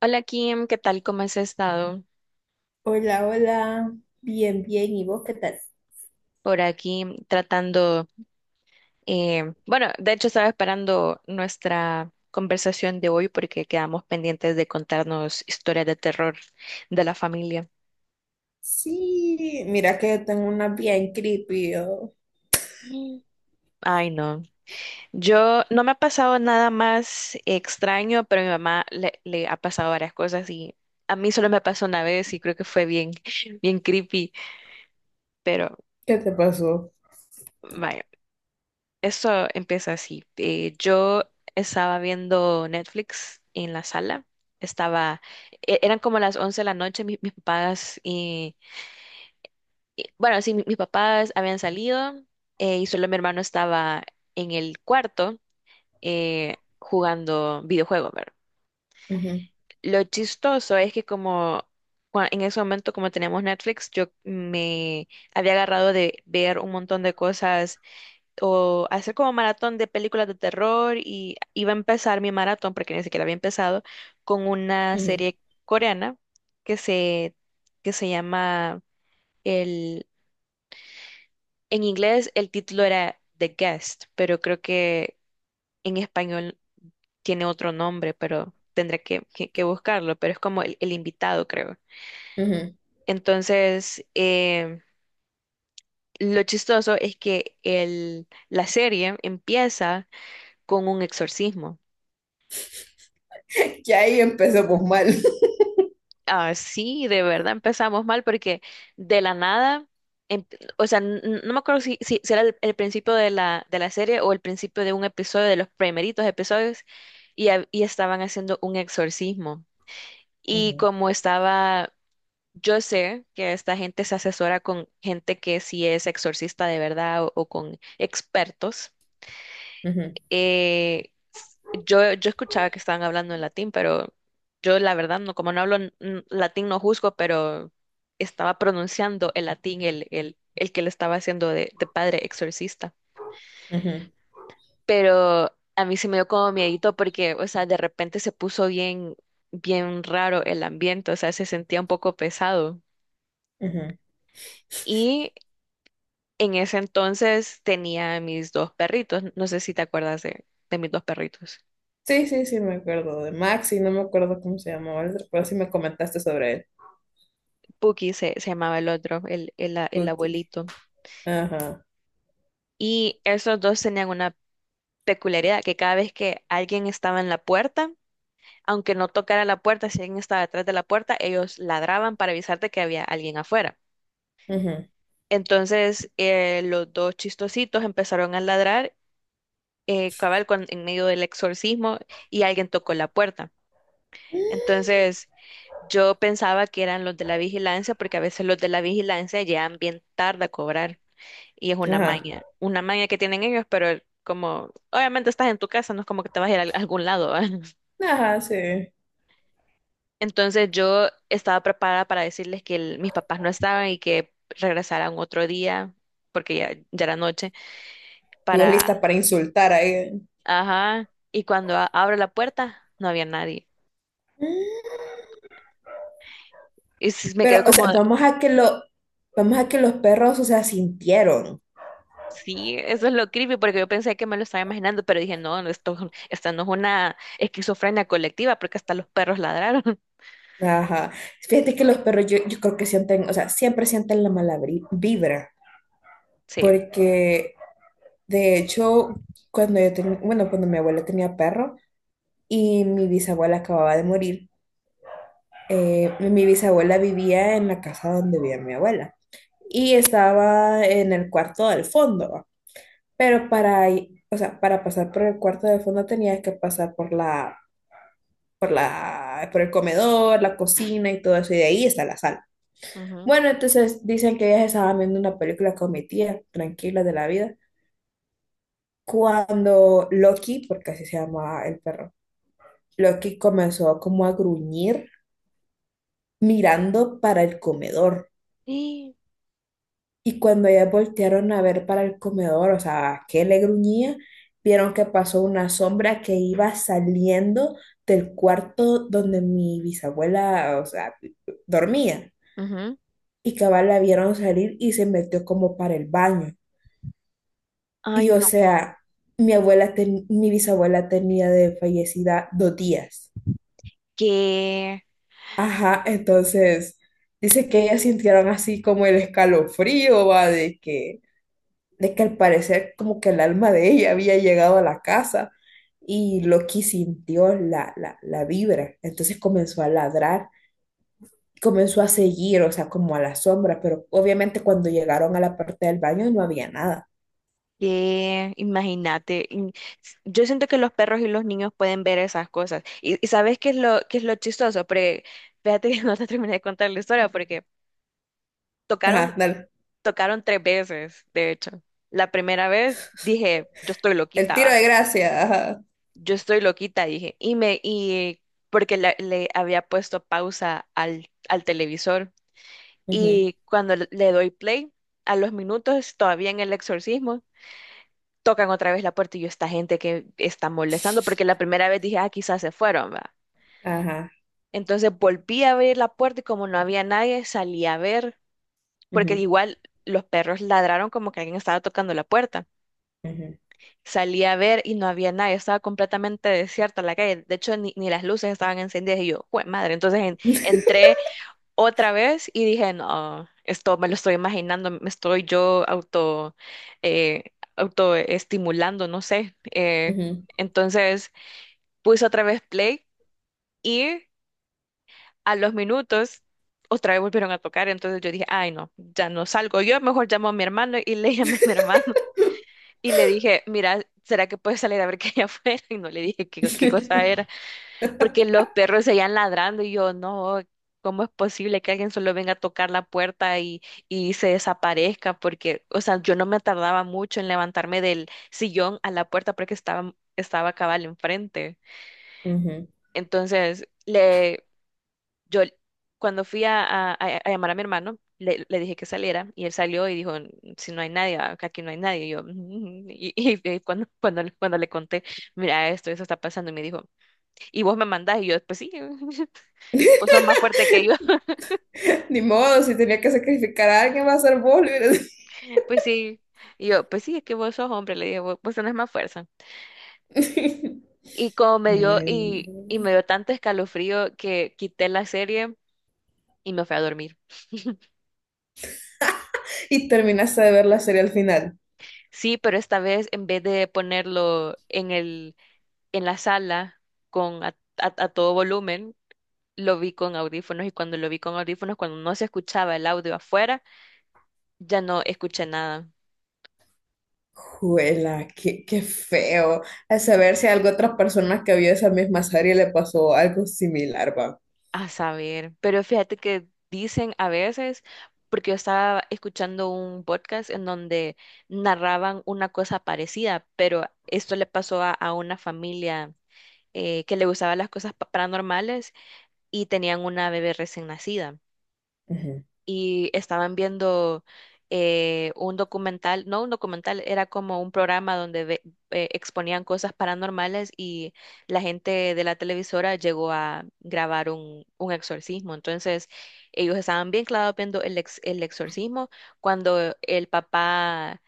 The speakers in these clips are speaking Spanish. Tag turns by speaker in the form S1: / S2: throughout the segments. S1: Hola Kim, ¿qué tal? ¿Cómo has estado?
S2: Hola, hola. Bien, bien. ¿Y vos qué tal?
S1: Por aquí tratando, bueno, de hecho estaba esperando nuestra conversación de hoy porque quedamos pendientes de contarnos historias de terror de la familia.
S2: Sí, mira que yo tengo una bien creepy, yo.
S1: Mm. Ay, no. Yo no me ha pasado nada más extraño, pero a mi mamá le ha pasado varias cosas y a mí solo me pasó una vez y creo que fue bien, bien creepy, pero
S2: ¿Qué te pasó?
S1: vaya. Eso empieza así. Yo estaba viendo Netflix en la sala. Estaba, Eran como las 11 de la noche, mis papás habían salido, y solo mi hermano estaba en el cuarto, jugando videojuegos, ¿verdad?
S2: Ujú,
S1: Lo chistoso es que en ese momento, como teníamos Netflix, yo me había agarrado de ver un montón de cosas o hacer como maratón de películas de terror y iba a empezar mi maratón, porque ni siquiera había empezado, con una
S2: ujú,
S1: serie coreana que se, que se llama el, en inglés el título era The Guest, pero creo que en español tiene otro nombre, pero tendré que buscarlo, pero es como el invitado, creo.
S2: ujú.
S1: Entonces, eh, lo chistoso es que la serie empieza con un exorcismo.
S2: Ya ahí empezamos mal.
S1: Ah, sí, de verdad empezamos mal porque de la nada, em- no me acuerdo si era el principio de de la serie o el principio de un episodio, de los primeritos episodios, y estaban haciendo un exorcismo. Y
S2: Ujú.
S1: como estaba, yo sé que esta gente se asesora con gente que sí es exorcista de verdad o con expertos
S2: Ujú,
S1: eh, yo escuchaba que estaban hablando en latín, pero yo la verdad no, como no hablo latín no juzgo, pero estaba pronunciando el latín, el que le estaba haciendo de padre exorcista.
S2: ujú,
S1: Pero a mí se me dio como miedito porque, o sea, de repente se puso bien, bien raro el ambiente, o sea, se sentía un poco pesado.
S2: ujú.
S1: Y en ese entonces tenía mis dos perritos, no sé si te acuerdas de mis dos perritos.
S2: Sí, sí, sí, me acuerdo de Maxi, no me acuerdo cómo se llamaba el otro, pero sí me comentaste sobre él.
S1: Puki se llamaba el otro, el
S2: Cookie.
S1: abuelito.
S2: Ajá,
S1: Y esos dos tenían una peculiaridad, que cada vez que alguien estaba en la puerta, aunque no tocara la puerta, si alguien estaba detrás de la puerta, ellos ladraban para avisarte que había alguien afuera.
S2: ujú.
S1: Los dos chistositos empezaron a ladrar, en medio del exorcismo, y alguien tocó la puerta. Entonces, yo pensaba que eran los de la vigilancia, porque a veces los de la vigilancia llegan bien tarde a cobrar. Y es
S2: Ajá,
S1: una maña que tienen ellos, pero como obviamente estás en tu casa, no es como que te vas a ir a algún lado, ¿va?
S2: ajá, sí.
S1: Entonces yo estaba preparada para decirles que mis papás no estaban y que regresaran otro día, porque ya, ya era noche,
S2: Y vos lista
S1: para...
S2: para insultar ahí.
S1: Ajá. Y cuando abro la puerta, no había nadie. Y me
S2: Pero,
S1: quedo
S2: o sea,
S1: como,
S2: vamos a que los perros, o sea, sintieron.
S1: sí, eso es lo creepy, porque yo pensé que me lo estaba imaginando, pero dije, no, no, esto, esta no es una esquizofrenia colectiva, porque hasta los perros ladraron.
S2: Ajá. Fíjate que los perros, yo creo que sienten, o sea, siempre sienten la mala vibra.
S1: Sí.
S2: Porque, de hecho, cuando yo tenía, bueno, cuando mi abuela tenía perro, y mi bisabuela acababa de morir. Mi bisabuela vivía en la casa donde vivía mi abuela y estaba en el cuarto del fondo, ¿va? Pero para, o sea, para pasar por el cuarto del fondo tenía que pasar por la, por el comedor, la cocina y todo eso, y de ahí está la sala.
S1: Ujú.
S2: Bueno, entonces dicen que ellas estaban viendo una película con mi tía, tranquila de la vida, cuando Loki, porque así se llama el perro, Loki comenzó como a gruñir mirando para el comedor.
S1: Sí.
S2: Y cuando ellas voltearon a ver para el comedor, o sea, que le gruñía, vieron que pasó una sombra que iba saliendo del cuarto donde mi bisabuela, o sea, dormía.
S1: Ujú.
S2: Y cabal la vieron salir y se metió como para el baño.
S1: Ay,
S2: Y o
S1: no,
S2: sea, mi abuela, mi bisabuela tenía de fallecida dos días.
S1: qué,
S2: Ajá, entonces dice que ellas sintieron así como el escalofrío, va, de que al parecer como que el alma de ella había llegado a la casa y Loki sintió la vibra, entonces comenzó a ladrar, comenzó a seguir, o sea, como a la sombra, pero obviamente cuando llegaron a la parte del baño no había nada.
S1: qué, imagínate. Yo siento que los perros y los niños pueden ver esas cosas. Y ¿sabes qué es lo chistoso? Porque fíjate que no te terminé de contar la historia porque
S2: Ajá,
S1: tocaron,
S2: dale.
S1: tocaron tres veces, de hecho. La primera vez dije, yo estoy
S2: El
S1: loquita,
S2: tiro
S1: va.
S2: de gracia. Ajá.
S1: Yo estoy loquita, dije. Y me, y porque le había puesto pausa al televisor.
S2: Ujú.
S1: Y cuando le doy play, a los minutos, todavía en el exorcismo, tocan otra vez la puerta y yo, esta gente que está molestando, porque la primera vez dije, ah, quizás se fueron, va.
S2: Ajá.
S1: Entonces volví a abrir la puerta y como no había nadie, salí a ver, porque
S2: Ujú,
S1: igual los perros ladraron como que alguien estaba tocando la puerta.
S2: ujú,
S1: Salí a ver y no había nadie, estaba completamente desierta la calle. De hecho, ni, ni las luces estaban encendidas y yo, ¡jue madre! Entonces entré otra vez y dije, no, esto me lo estoy imaginando, me estoy yo auto, eh, autoestimulando, no sé.
S2: ujú,
S1: Entonces Puse otra vez play y a los minutos otra vez volvieron a tocar. Entonces yo dije, ay, no, ya no salgo. Yo mejor llamo a mi hermano y le llamé a mi hermano y le dije, mira, ¿será que puedes salir a ver qué hay afuera? Y no le dije qué, qué cosa era, porque los perros seguían ladrando y yo, no. ¿Cómo es posible que alguien solo venga a tocar la puerta y se desaparezca? Porque, o sea, yo no me tardaba mucho en levantarme del sillón a la puerta porque estaba, estaba cabal enfrente.
S2: ujú.
S1: Entonces, le, yo cuando fui a llamar a mi hermano, le dije que saliera y él salió y dijo, si no hay nadie, acá aquí no hay nadie. Y yo, "Ujú". Cuando, cuando, cuando le conté, mira esto, eso está pasando, y me dijo, ¿y vos me mandás? Y yo, pues sí, vos sos más fuerte que yo.
S2: Ni modo, si tenía que sacrificar a alguien, va a ser vos, le hubiera dicho.
S1: Pues sí, y yo, pues sí, es que vos sos hombre, le dije, vos, vos tenés más fuerza. Y como me dio,
S2: Ay,
S1: y
S2: no.
S1: me dio tanto escalofrío que quité la serie y me fui a dormir.
S2: Y terminaste de ver la serie al final.
S1: Sí, pero esta vez en vez de ponerlo en la sala con a, a todo volumen, lo vi con audífonos y cuando lo vi con audífonos, cuando no se escuchaba el audio afuera, ya no escuché nada.
S2: Juela, qué, qué feo. A saber si a alguna otra persona que vio esa misma serie le pasó algo similar, va.
S1: A saber, pero fíjate que dicen a veces, porque yo estaba escuchando un podcast en donde narraban una cosa parecida, pero esto le pasó a una familia, que le gustaban las cosas paranormales y tenían una bebé recién nacida.
S2: Ujú,
S1: Y estaban viendo, un documental, no un documental, era como un programa donde exponían cosas paranormales y la gente de la televisora llegó a grabar un exorcismo. Entonces, ellos estaban bien clavados viendo el exorcismo cuando el papá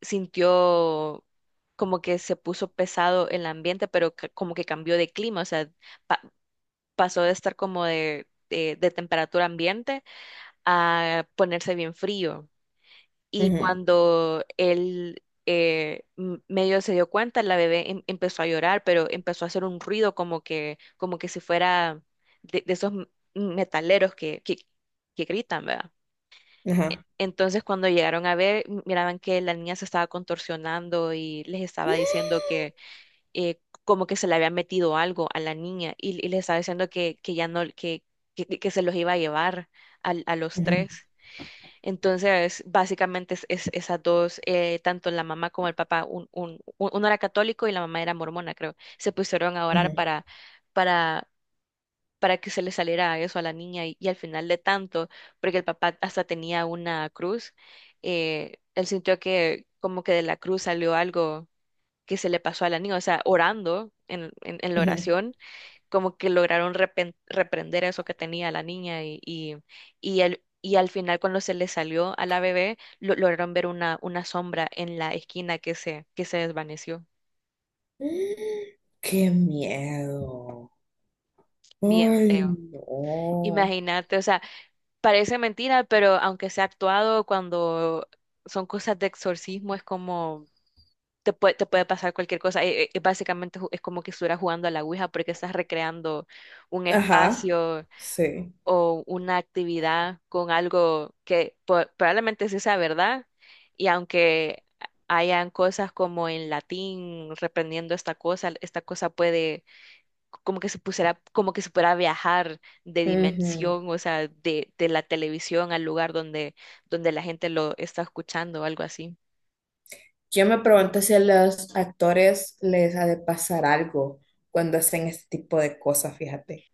S1: sintió... como que se puso pesado el ambiente, pero como que cambió de clima, o sea, pa- pasó de estar como de temperatura ambiente a ponerse bien frío. Y
S2: ujú,
S1: cuando él medio se dio cuenta, la bebé empezó a llorar, pero empezó a hacer un ruido como que si fuera de esos metaleros que gritan, ¿verdad?
S2: ajá.
S1: Entonces cuando llegaron a ver, miraban que la niña se estaba contorsionando y les estaba diciendo que, como que se le había metido algo a la niña y les estaba diciendo que ya no, que se los iba a llevar a los
S2: Ujú,
S1: tres. Entonces, básicamente esas dos, tanto la mamá como el papá, uno era católico y la mamá era mormona, creo, se pusieron a orar
S2: ujú,
S1: para, para que se le saliera eso a la niña y al final de tanto, porque el papá hasta tenía una cruz, él sintió que como que de la cruz salió algo que se le pasó a la niña, o sea, orando en la
S2: ujú.
S1: oración como que lograron reprender eso que tenía la niña y y al final cuando se le salió a la bebé, lograron ver una sombra en la esquina que se desvaneció.
S2: ¡Qué miedo!
S1: Bien
S2: Ay,
S1: feo.
S2: no.
S1: Imagínate, o sea, parece mentira, pero aunque sea actuado, cuando son cosas de exorcismo, es como... te puede pasar cualquier cosa. Básicamente es como que estuvieras jugando a la Ouija porque estás recreando un
S2: Ajá,
S1: espacio,
S2: sí.
S1: o una actividad con algo que probablemente sí sea verdad, y aunque hayan cosas como en latín reprendiendo esta cosa puede como que se pusiera, como que se pudiera viajar de
S2: Ujú.
S1: dimensión, o sea, de la televisión al lugar donde, donde la gente lo está escuchando o algo así.
S2: Yo me pregunto si a los actores les ha de pasar algo cuando hacen este tipo de cosas, fíjate.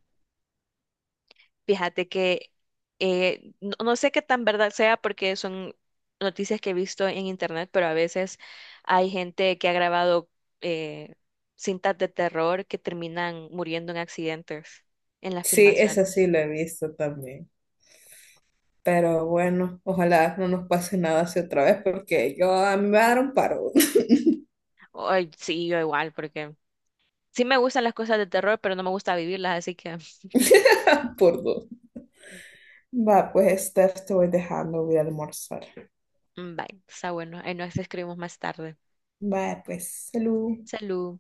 S1: Fíjate que no, no sé qué tan verdad sea porque son noticias que he visto en internet, pero a veces hay gente que ha grabado eh, cintas de terror que terminan muriendo en accidentes en las
S2: Sí, eso sí
S1: filmaciones.
S2: lo he visto también. Pero bueno, ojalá no nos pase nada así otra vez porque yo a mí me va a dar un paro
S1: Ay, sí, yo igual, porque sí me gustan las cosas de terror, pero no me gusta vivirlas, así que
S2: por dos. Va, pues Steph, te voy dejando, voy a almorzar.
S1: mm, bye, está bueno, ahí nos escribimos más tarde.
S2: Va, pues, salud.
S1: Salud.